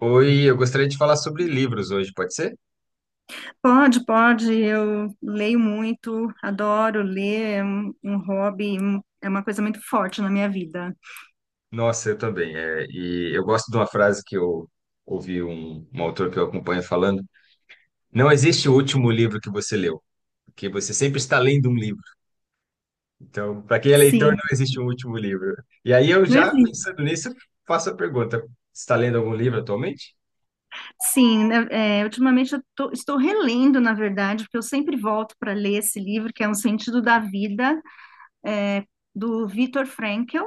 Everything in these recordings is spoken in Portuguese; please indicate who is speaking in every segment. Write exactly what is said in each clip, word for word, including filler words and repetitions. Speaker 1: Oi, eu gostaria de falar sobre livros hoje, pode ser?
Speaker 2: Pode, pode. Eu leio muito, adoro ler, é um, um hobby, um- é uma coisa muito forte na minha vida.
Speaker 1: Nossa, eu também. É, e eu gosto de uma frase que eu ouvi um, um autor que eu acompanho falando: não existe o último livro que você leu, porque você sempre está lendo um livro. Então, para quem é leitor,
Speaker 2: Sim,
Speaker 1: não existe um último livro. E aí eu
Speaker 2: não
Speaker 1: já
Speaker 2: existe.
Speaker 1: pensando nisso, faço a pergunta: você está lendo algum livro atualmente?
Speaker 2: Sim. Né? É, ultimamente eu tô- estou relendo, na verdade, porque eu sempre volto para ler esse livro, que é Um Sentido da Vida, é, do Viktor Frankl.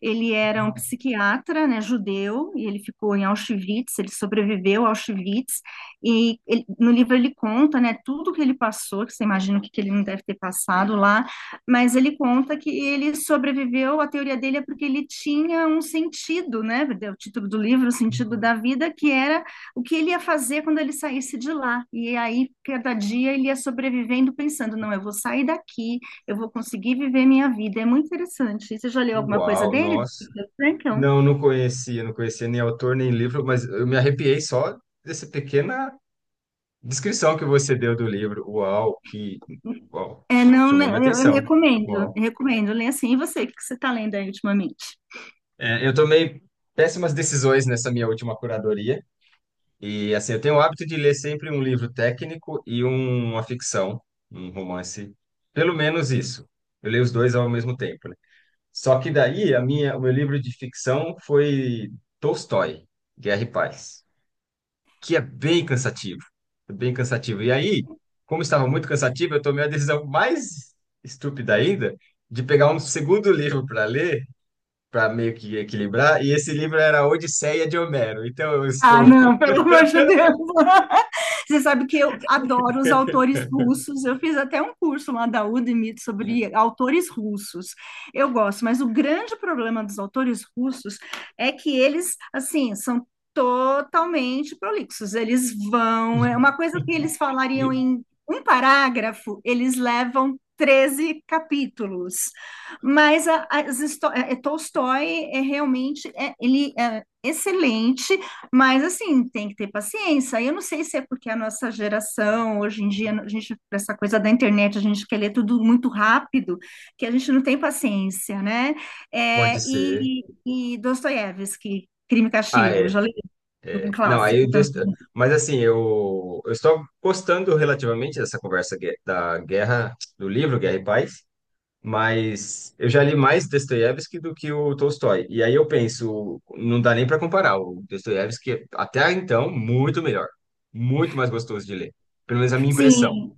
Speaker 2: Ele era um
Speaker 1: Uau.
Speaker 2: psiquiatra, né, judeu, e ele ficou em Auschwitz, ele sobreviveu a Auschwitz, e ele- no livro ele conta, né, tudo que ele passou, que você imagina o que, que ele não deve ter passado lá, mas ele conta que ele sobreviveu, a teoria dele é porque ele tinha um sentido, né, o título do livro, o sentido da vida, que era o que ele ia fazer quando ele saísse de lá, e aí cada dia ele ia sobrevivendo pensando, não, eu vou sair daqui, eu vou conseguir viver minha vida. É muito interessante. Você já leu alguma coisa
Speaker 1: Uau,
Speaker 2: dele, do
Speaker 1: nossa.
Speaker 2: Viktor Frankl?
Speaker 1: Não, não conhecia, não conhecia nem autor nem livro, mas eu me arrepiei só dessa pequena descrição que você deu do livro. Uau, que uau,
Speaker 2: É, não,
Speaker 1: chamou minha
Speaker 2: não, eu eu
Speaker 1: atenção.
Speaker 2: recomendo, eu
Speaker 1: Uau.
Speaker 2: recomendo. Lê assim. E você, o que você está lendo aí ultimamente?
Speaker 1: É, eu tomei péssimas decisões nessa minha última curadoria. E assim, eu tenho o hábito de ler sempre um livro técnico e um- uma ficção, um romance. Pelo menos isso. Eu leio os dois ao mesmo tempo, né? Só que daí a minha, o meu livro de ficção foi Tolstói, Guerra e Paz, que é bem cansativo. É bem cansativo. E aí, como estava muito cansativo, eu tomei a decisão mais estúpida ainda de pegar um segundo livro para ler, para meio que equilibrar, e esse livro era A Odisseia de Homero. Então eu
Speaker 2: Ah,
Speaker 1: estou.
Speaker 2: não, pelo amor de Deus. Você sabe que eu adoro os autores russos. Eu fiz até um curso lá da Udemy sobre autores russos. Eu gosto, mas o grande problema dos autores russos é que eles, assim, são totalmente prolixos. Eles vão, é uma coisa que eles falariam em um parágrafo, eles levam treze capítulos. Mas a, as histó- é, Tolstói é realmente, é, ele é excelente, mas assim, tem que ter paciência. Eu não sei se é porque a nossa geração, hoje em dia, a gente, essa coisa da internet, a gente quer ler tudo muito rápido, que a gente não tem paciência, né?
Speaker 1: Pode
Speaker 2: É,
Speaker 1: ser.
Speaker 2: e, e Dostoiévski, Crime e
Speaker 1: Ah,
Speaker 2: Castigo,
Speaker 1: é,
Speaker 2: já li, um
Speaker 1: é. Não, aí
Speaker 2: clássico
Speaker 1: eu... des-
Speaker 2: também.
Speaker 1: mas assim, eu... eu estou gostando relativamente dessa conversa gue- da guerra, do livro Guerra e Paz. Mas eu já li mais Dostoiévski do que o Tolstói. E aí eu penso, não dá nem para comparar. O Dostoiévski, até então, muito melhor. Muito mais gostoso de ler. Pelo menos a minha impressão.
Speaker 2: Sim,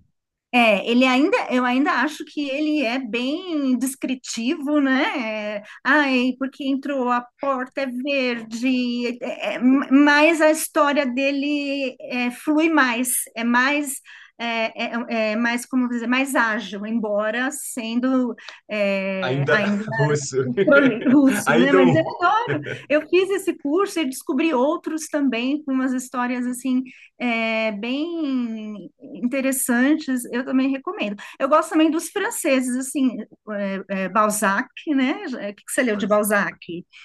Speaker 2: É, ele ainda, eu ainda acho que ele é bem descritivo, né? É, ai, porque entrou, a porta é verde, é, é, mas a história dele, é, flui mais, é mais, é, é- é é mais, como dizer, mais ágil, embora sendo é,
Speaker 1: Ainda
Speaker 2: ainda
Speaker 1: russo.
Speaker 2: controle russo, né?
Speaker 1: Ainda
Speaker 2: Mas eu
Speaker 1: um.
Speaker 2: adoro. Eu fiz esse curso e descobri outros também, com umas histórias assim, é, bem interessantes. Eu também recomendo. Eu gosto também dos franceses, assim, é, é, Balzac, né? O que que você leu de
Speaker 1: Balzac.
Speaker 2: Balzac?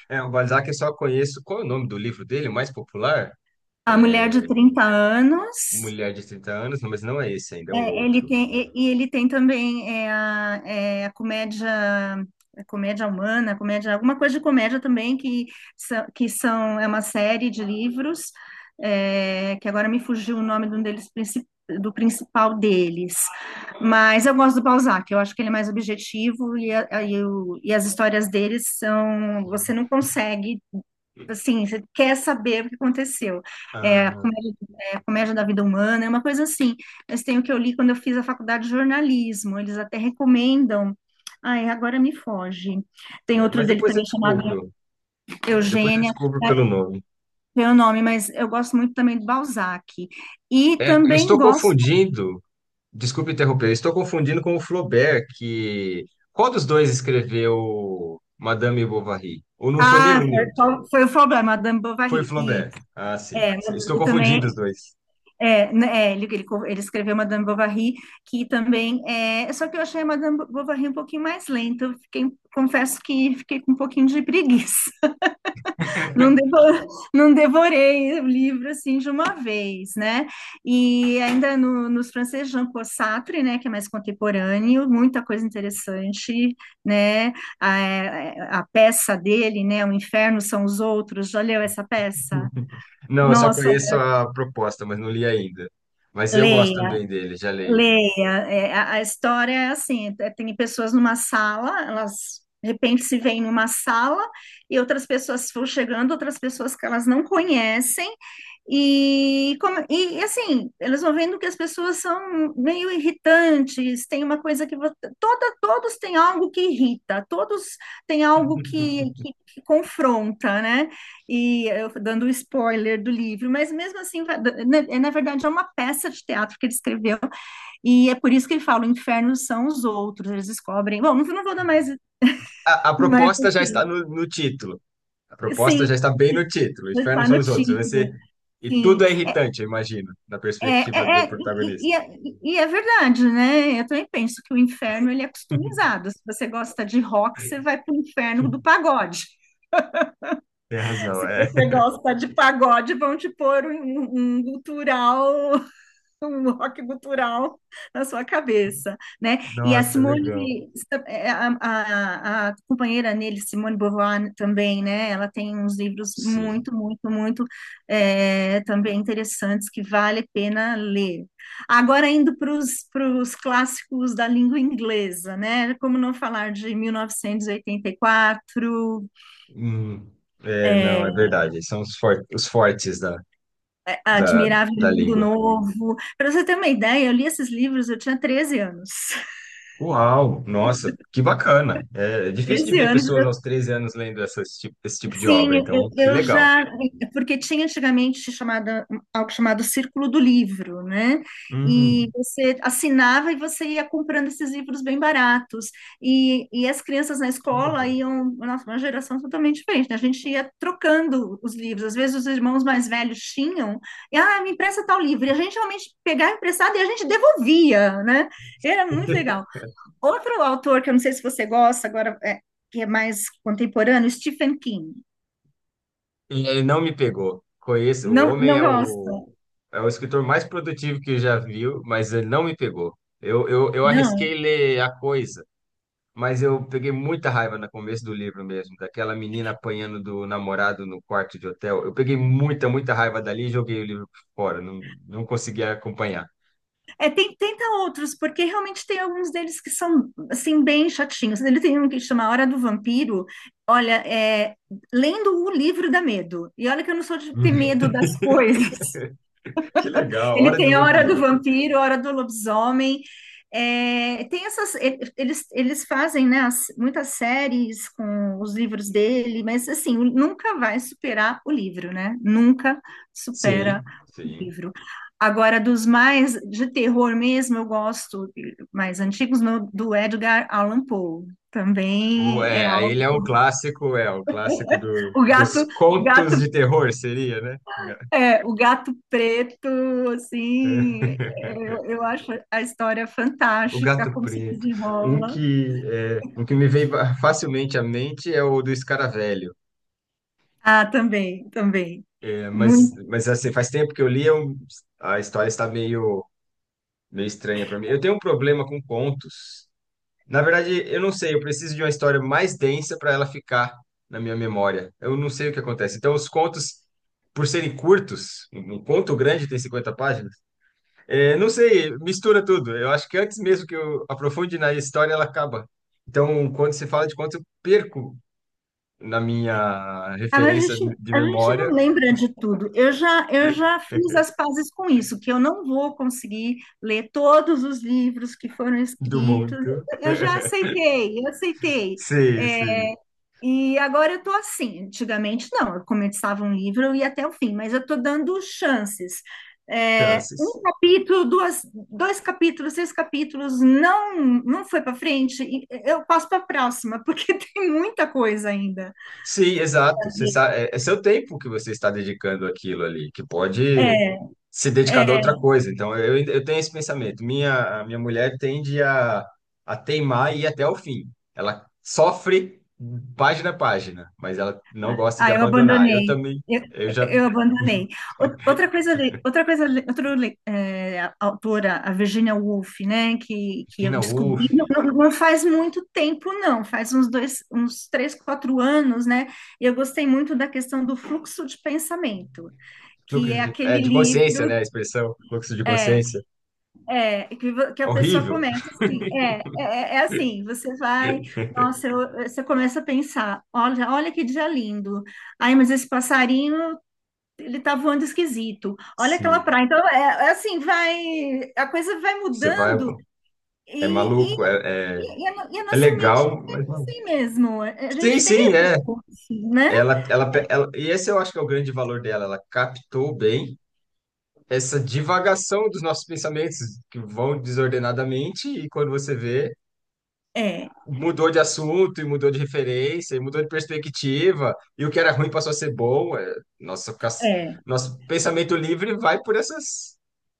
Speaker 1: É, o Balzac eu só conheço. Qual é o nome do livro dele, o mais popular?
Speaker 2: A Mulher de
Speaker 1: É
Speaker 2: Trinta Anos.
Speaker 1: Mulher de trinta anos, não, mas não é esse ainda, é um
Speaker 2: É, ele
Speaker 1: outro.
Speaker 2: tem, e e ele tem também é, a, é, a comédia, a comédia humana, a comédia, alguma coisa de comédia também, que são, que são é uma série de livros, é, que agora me fugiu o nome de um deles, princi- do principal deles. Mas eu gosto do Balzac, eu acho que ele é mais objetivo e, a- e o- e as histórias deles são, você não consegue. Assim, você quer saber o que aconteceu. É, a
Speaker 1: Ah,
Speaker 2: comédia Comédia da Vida Humana, é uma coisa assim. Mas tem o que eu li quando eu fiz a faculdade de jornalismo, eles até recomendam. Ai, agora me foge. Tem
Speaker 1: é,
Speaker 2: outro
Speaker 1: mas
Speaker 2: dele
Speaker 1: depois eu
Speaker 2: também chamado
Speaker 1: descubro. É, depois eu
Speaker 2: Eugênia,
Speaker 1: descubro pelo nome.
Speaker 2: não é o nome, mas eu gosto muito também do Balzac. E
Speaker 1: É, eu
Speaker 2: também
Speaker 1: estou
Speaker 2: gosto.
Speaker 1: confundindo. Desculpe interromper, eu estou confundindo com o Flaubert, que... qual dos dois escreveu Madame Bovary? Ou não foi
Speaker 2: Ah,
Speaker 1: nenhum nem outro?
Speaker 2: foi, foi o problema, Madame
Speaker 1: Foi
Speaker 2: Bovary.
Speaker 1: Flaubert.
Speaker 2: Isso,
Speaker 1: Ah, sim.
Speaker 2: é,
Speaker 1: Estou
Speaker 2: que
Speaker 1: confundindo os
Speaker 2: também.
Speaker 1: dois.
Speaker 2: É, né, é, ele, ele, ele escreveu Madame Bovary, que também é. Só que eu achei a Madame Bovary um pouquinho mais lenta, eu fiquei, confesso que fiquei com um pouquinho de preguiça. Não, devo- não devorei o livro assim de uma vez, né? E ainda no, nos franceses Jean-Paul Sartre, né, que é mais contemporâneo, muita coisa interessante, né? A, a peça dele, né, O Inferno São os Outros, já leu essa peça?
Speaker 1: Não, eu só
Speaker 2: Nossa,
Speaker 1: conheço a proposta, mas não li ainda. Mas eu gosto
Speaker 2: leia.
Speaker 1: também dele, já leio.
Speaker 2: Leia, é, a, a história é assim, é, tem pessoas numa sala, elas de repente se veem numa sala e outras pessoas vão chegando, outras pessoas que elas não conhecem e, como- e, e, assim, elas vão vendo que as pessoas são meio irritantes, tem uma coisa que vo- toda, todos têm algo que irrita, todos têm algo que, que, que confronta, né? E eu dando o spoiler do livro, mas mesmo assim, vai- né, é, na verdade é uma peça de teatro que ele escreveu e é por isso que ele fala, o inferno são os outros, eles descobrem. Bom, não, não vou dar mais,
Speaker 1: A, a
Speaker 2: mais
Speaker 1: proposta já está
Speaker 2: assim.
Speaker 1: no, no título. A proposta já
Speaker 2: Sim,
Speaker 1: está bem no título. O inferno
Speaker 2: está
Speaker 1: são
Speaker 2: no
Speaker 1: os outros. Vai
Speaker 2: título.
Speaker 1: ser... E
Speaker 2: Sim.
Speaker 1: tudo é irritante, eu imagino, da
Speaker 2: É,
Speaker 1: perspectiva
Speaker 2: é,
Speaker 1: do
Speaker 2: é- e, e
Speaker 1: protagonista.
Speaker 2: é e é verdade, né? Eu também penso que o inferno ele é customizado. Se você gosta de rock, você vai para o inferno do pagode.
Speaker 1: Tem razão,
Speaker 2: Se
Speaker 1: é.
Speaker 2: você gosta de pagode, vão te pôr um, um um gutural, um rock cultural na sua cabeça, né? E a
Speaker 1: Nossa, legal.
Speaker 2: Simone, a, a, a companheira nele, Simone Beauvoir, também, né? Ela tem uns livros
Speaker 1: Sim.
Speaker 2: muito, muito, muito é, também interessantes, que vale a pena ler. Agora, indo para os clássicos da língua inglesa, né? Como não falar de mil novecentos e oitenta e quatro,
Speaker 1: Hum, é, não,
Speaker 2: é,
Speaker 1: é verdade. São os, for- os fortes da, da,
Speaker 2: Admirável
Speaker 1: da
Speaker 2: Mundo
Speaker 1: língua.
Speaker 2: Novo. Para você ter uma ideia, eu li esses livros, eu tinha treze anos.
Speaker 1: Uau, nossa, que bacana. É, é difícil de
Speaker 2: Treze
Speaker 1: ver
Speaker 2: anos.
Speaker 1: pessoas aos treze anos lendo essas, ti- esse tipo de
Speaker 2: Sim,
Speaker 1: obra,
Speaker 2: eu,
Speaker 1: então que
Speaker 2: eu
Speaker 1: legal.
Speaker 2: já, porque tinha antigamente chamada, algo chamado Círculo do Livro, né? E
Speaker 1: Hum,
Speaker 2: você assinava e você ia comprando esses livros bem baratos. E, e as crianças na
Speaker 1: que
Speaker 2: escola
Speaker 1: legal.
Speaker 2: iam, nossa, uma geração totalmente diferente, né? A gente ia trocando os livros. Às vezes os irmãos mais velhos tinham, e, ah, me empresta tal livro. E a gente realmente pegava emprestado e a gente devolvia, né? Era muito legal. Outro autor que eu não sei se você gosta agora, é, que é mais contemporâneo, Stephen King.
Speaker 1: E ele não me pegou. Conheço, o
Speaker 2: Não,
Speaker 1: homem
Speaker 2: não
Speaker 1: é o,
Speaker 2: gosto,
Speaker 1: é o escritor mais produtivo que eu já viu, mas ele não me pegou. Eu, eu, eu arrisquei
Speaker 2: não.
Speaker 1: ler A Coisa, mas eu peguei muita raiva no começo do livro mesmo, daquela menina apanhando do namorado no quarto de hotel. Eu peguei muita, muita raiva dali e joguei o livro fora. Não, não consegui acompanhar.
Speaker 2: É, tem, tenta outros, porque realmente tem alguns deles que são, assim, bem chatinhos. Ele tem um que chama Hora do Vampiro. Olha, é, lendo o livro dá medo. E olha que eu não sou de ter medo das coisas.
Speaker 1: Que legal,
Speaker 2: Ele
Speaker 1: Hora do
Speaker 2: tem a hora do
Speaker 1: Vampiro.
Speaker 2: vampiro, a hora do lobisomem. É, tem essas, e- eles, eles fazem, né, as- muitas séries com os livros dele, mas assim, o- nunca vai superar o livro, né? Nunca supera
Speaker 1: Sim,
Speaker 2: o
Speaker 1: sim.
Speaker 2: livro. Agora, dos mais de terror mesmo, eu gosto mais antigos, no- do Edgar Allan Poe.
Speaker 1: O,
Speaker 2: Também é
Speaker 1: é,
Speaker 2: algo.
Speaker 1: ele é um clássico, é, um clássico do,
Speaker 2: O
Speaker 1: dos
Speaker 2: gato, o gato
Speaker 1: contos de terror, seria, né? Ga-
Speaker 2: É, o gato preto, assim, eu, eu acho a história
Speaker 1: O
Speaker 2: fantástica,
Speaker 1: Gato
Speaker 2: como se
Speaker 1: Preto. Um
Speaker 2: desenrola.
Speaker 1: que, é, um que me veio facilmente à mente é o do Escaravelho.
Speaker 2: Ah, também, também.
Speaker 1: Mas,
Speaker 2: Muito
Speaker 1: mas assim, faz tempo que eu li, eu- a história está meio, meio estranha para mim. Eu tenho um problema com contos. Na verdade, eu não sei, eu preciso de uma história mais densa para ela ficar na minha memória. Eu não sei o que acontece. Então, os contos, por serem curtos, um um conto grande tem cinquenta páginas, é, não sei, mistura tudo. Eu acho que antes mesmo que eu aprofunde na história, ela acaba. Então, quando se fala de conto, eu perco na minha
Speaker 2: Ah, mas a
Speaker 1: referência
Speaker 2: gente,
Speaker 1: de
Speaker 2: a gente não
Speaker 1: memória
Speaker 2: lembra de tudo. Eu já, eu já fiz as pazes com isso, que eu não vou conseguir ler todos os livros que foram
Speaker 1: do
Speaker 2: escritos.
Speaker 1: mundo.
Speaker 2: Eu já aceitei, eu aceitei.
Speaker 1: Sim, sim.
Speaker 2: É, e agora eu estou assim. Antigamente, não, eu começava um livro, eu ia até o fim, mas eu estou dando chances. É,
Speaker 1: Chances.
Speaker 2: um capítulo, duas, dois capítulos, três capítulos, não, não foi para frente, e eu passo para a próxima, porque tem muita coisa ainda.
Speaker 1: Sim, exato. Você sabe, é, é seu tempo que você está dedicando àquilo ali, que pode
Speaker 2: É.
Speaker 1: se dedicar a
Speaker 2: É,
Speaker 1: outra coisa. Então, eu, ainda- eu tenho esse pensamento. Minha, a minha mulher tende a, a teimar e ir até o fim. Ela sofre página a página, mas ela não gosta de
Speaker 2: ah, eu
Speaker 1: abandonar. Eu
Speaker 2: abandonei.
Speaker 1: também,
Speaker 2: Eu,
Speaker 1: eu já.
Speaker 2: eu abandonei. Ou- Outra coisa, le- outra coisa, le- outra le- eh, a- autora, a Virginia Woolf, né, que, que eu
Speaker 1: Imagina,
Speaker 2: descobri,
Speaker 1: uff,
Speaker 2: não, não- não faz muito tempo, não, faz uns dois, uns três, quatro anos, né, e eu gostei muito da questão do fluxo de pensamento,
Speaker 1: lucro
Speaker 2: que é
Speaker 1: de, é,
Speaker 2: aquele
Speaker 1: de consciência,
Speaker 2: livro.
Speaker 1: né? A expressão fluxo de
Speaker 2: é,
Speaker 1: consciência.
Speaker 2: É, que, vo- que a pessoa
Speaker 1: Horrível.
Speaker 2: começa assim, é, é, é é assim, você vai, nossa, eu- você começa a pensar, olha, olha que dia lindo, ai, mas esse passarinho, ele tá voando esquisito, olha aquela
Speaker 1: Sim,
Speaker 2: praia, então, é, é assim, vai, a coisa vai
Speaker 1: você vai.
Speaker 2: mudando
Speaker 1: É
Speaker 2: e, e,
Speaker 1: maluco, é, é,
Speaker 2: e, e a, no- e a
Speaker 1: é
Speaker 2: nossa mente
Speaker 1: legal,
Speaker 2: é
Speaker 1: mas.
Speaker 2: assim mesmo, a
Speaker 1: Sim,
Speaker 2: gente tem
Speaker 1: sim,
Speaker 2: esse
Speaker 1: é.
Speaker 2: curso, né?
Speaker 1: Ela, ela, pe- ela, e esse eu acho que é o grande valor dela. Ela captou bem essa divagação dos nossos pensamentos que vão desordenadamente e quando você vê,
Speaker 2: É,
Speaker 1: mudou de assunto e mudou de referência e mudou de perspectiva e o que era ruim passou a ser bom. É, nossa, fica-
Speaker 2: é,
Speaker 1: nosso pensamento livre vai por essas,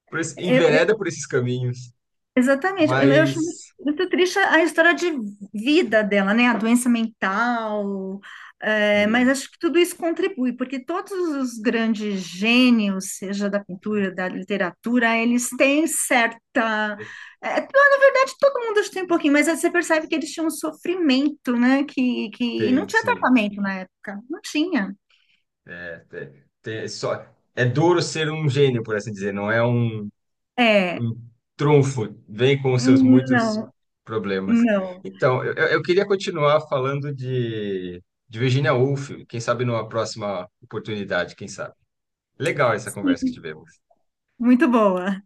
Speaker 1: por esse,
Speaker 2: é,
Speaker 1: envereda por esses caminhos.
Speaker 2: Exatamente. Eu eu acho
Speaker 1: Mas
Speaker 2: muito triste a a história de vida dela, né? A doença mental. Eh, mas
Speaker 1: sim,
Speaker 2: acho que tudo isso contribui, porque todos os grandes gênios, seja da pintura, da literatura, eles têm certa.
Speaker 1: esse-
Speaker 2: Eh, na verdade, todo mundo acho que tem um pouquinho, mas aí você percebe que eles tinham um sofrimento, né? Que, que não
Speaker 1: tem,
Speaker 2: tinha
Speaker 1: sim.
Speaker 2: tratamento na época. Não tinha.
Speaker 1: É, tem, tem, só, é duro ser um gênio, por assim dizer. Não é um
Speaker 2: É,
Speaker 1: o trunfo vem com os seus muitos
Speaker 2: não,
Speaker 1: problemas.
Speaker 2: não.
Speaker 1: Então, eu, eu eu queria continuar falando de, de Virginia Woolf, quem sabe numa próxima oportunidade, quem sabe. Legal essa conversa que tivemos.
Speaker 2: Muito boa.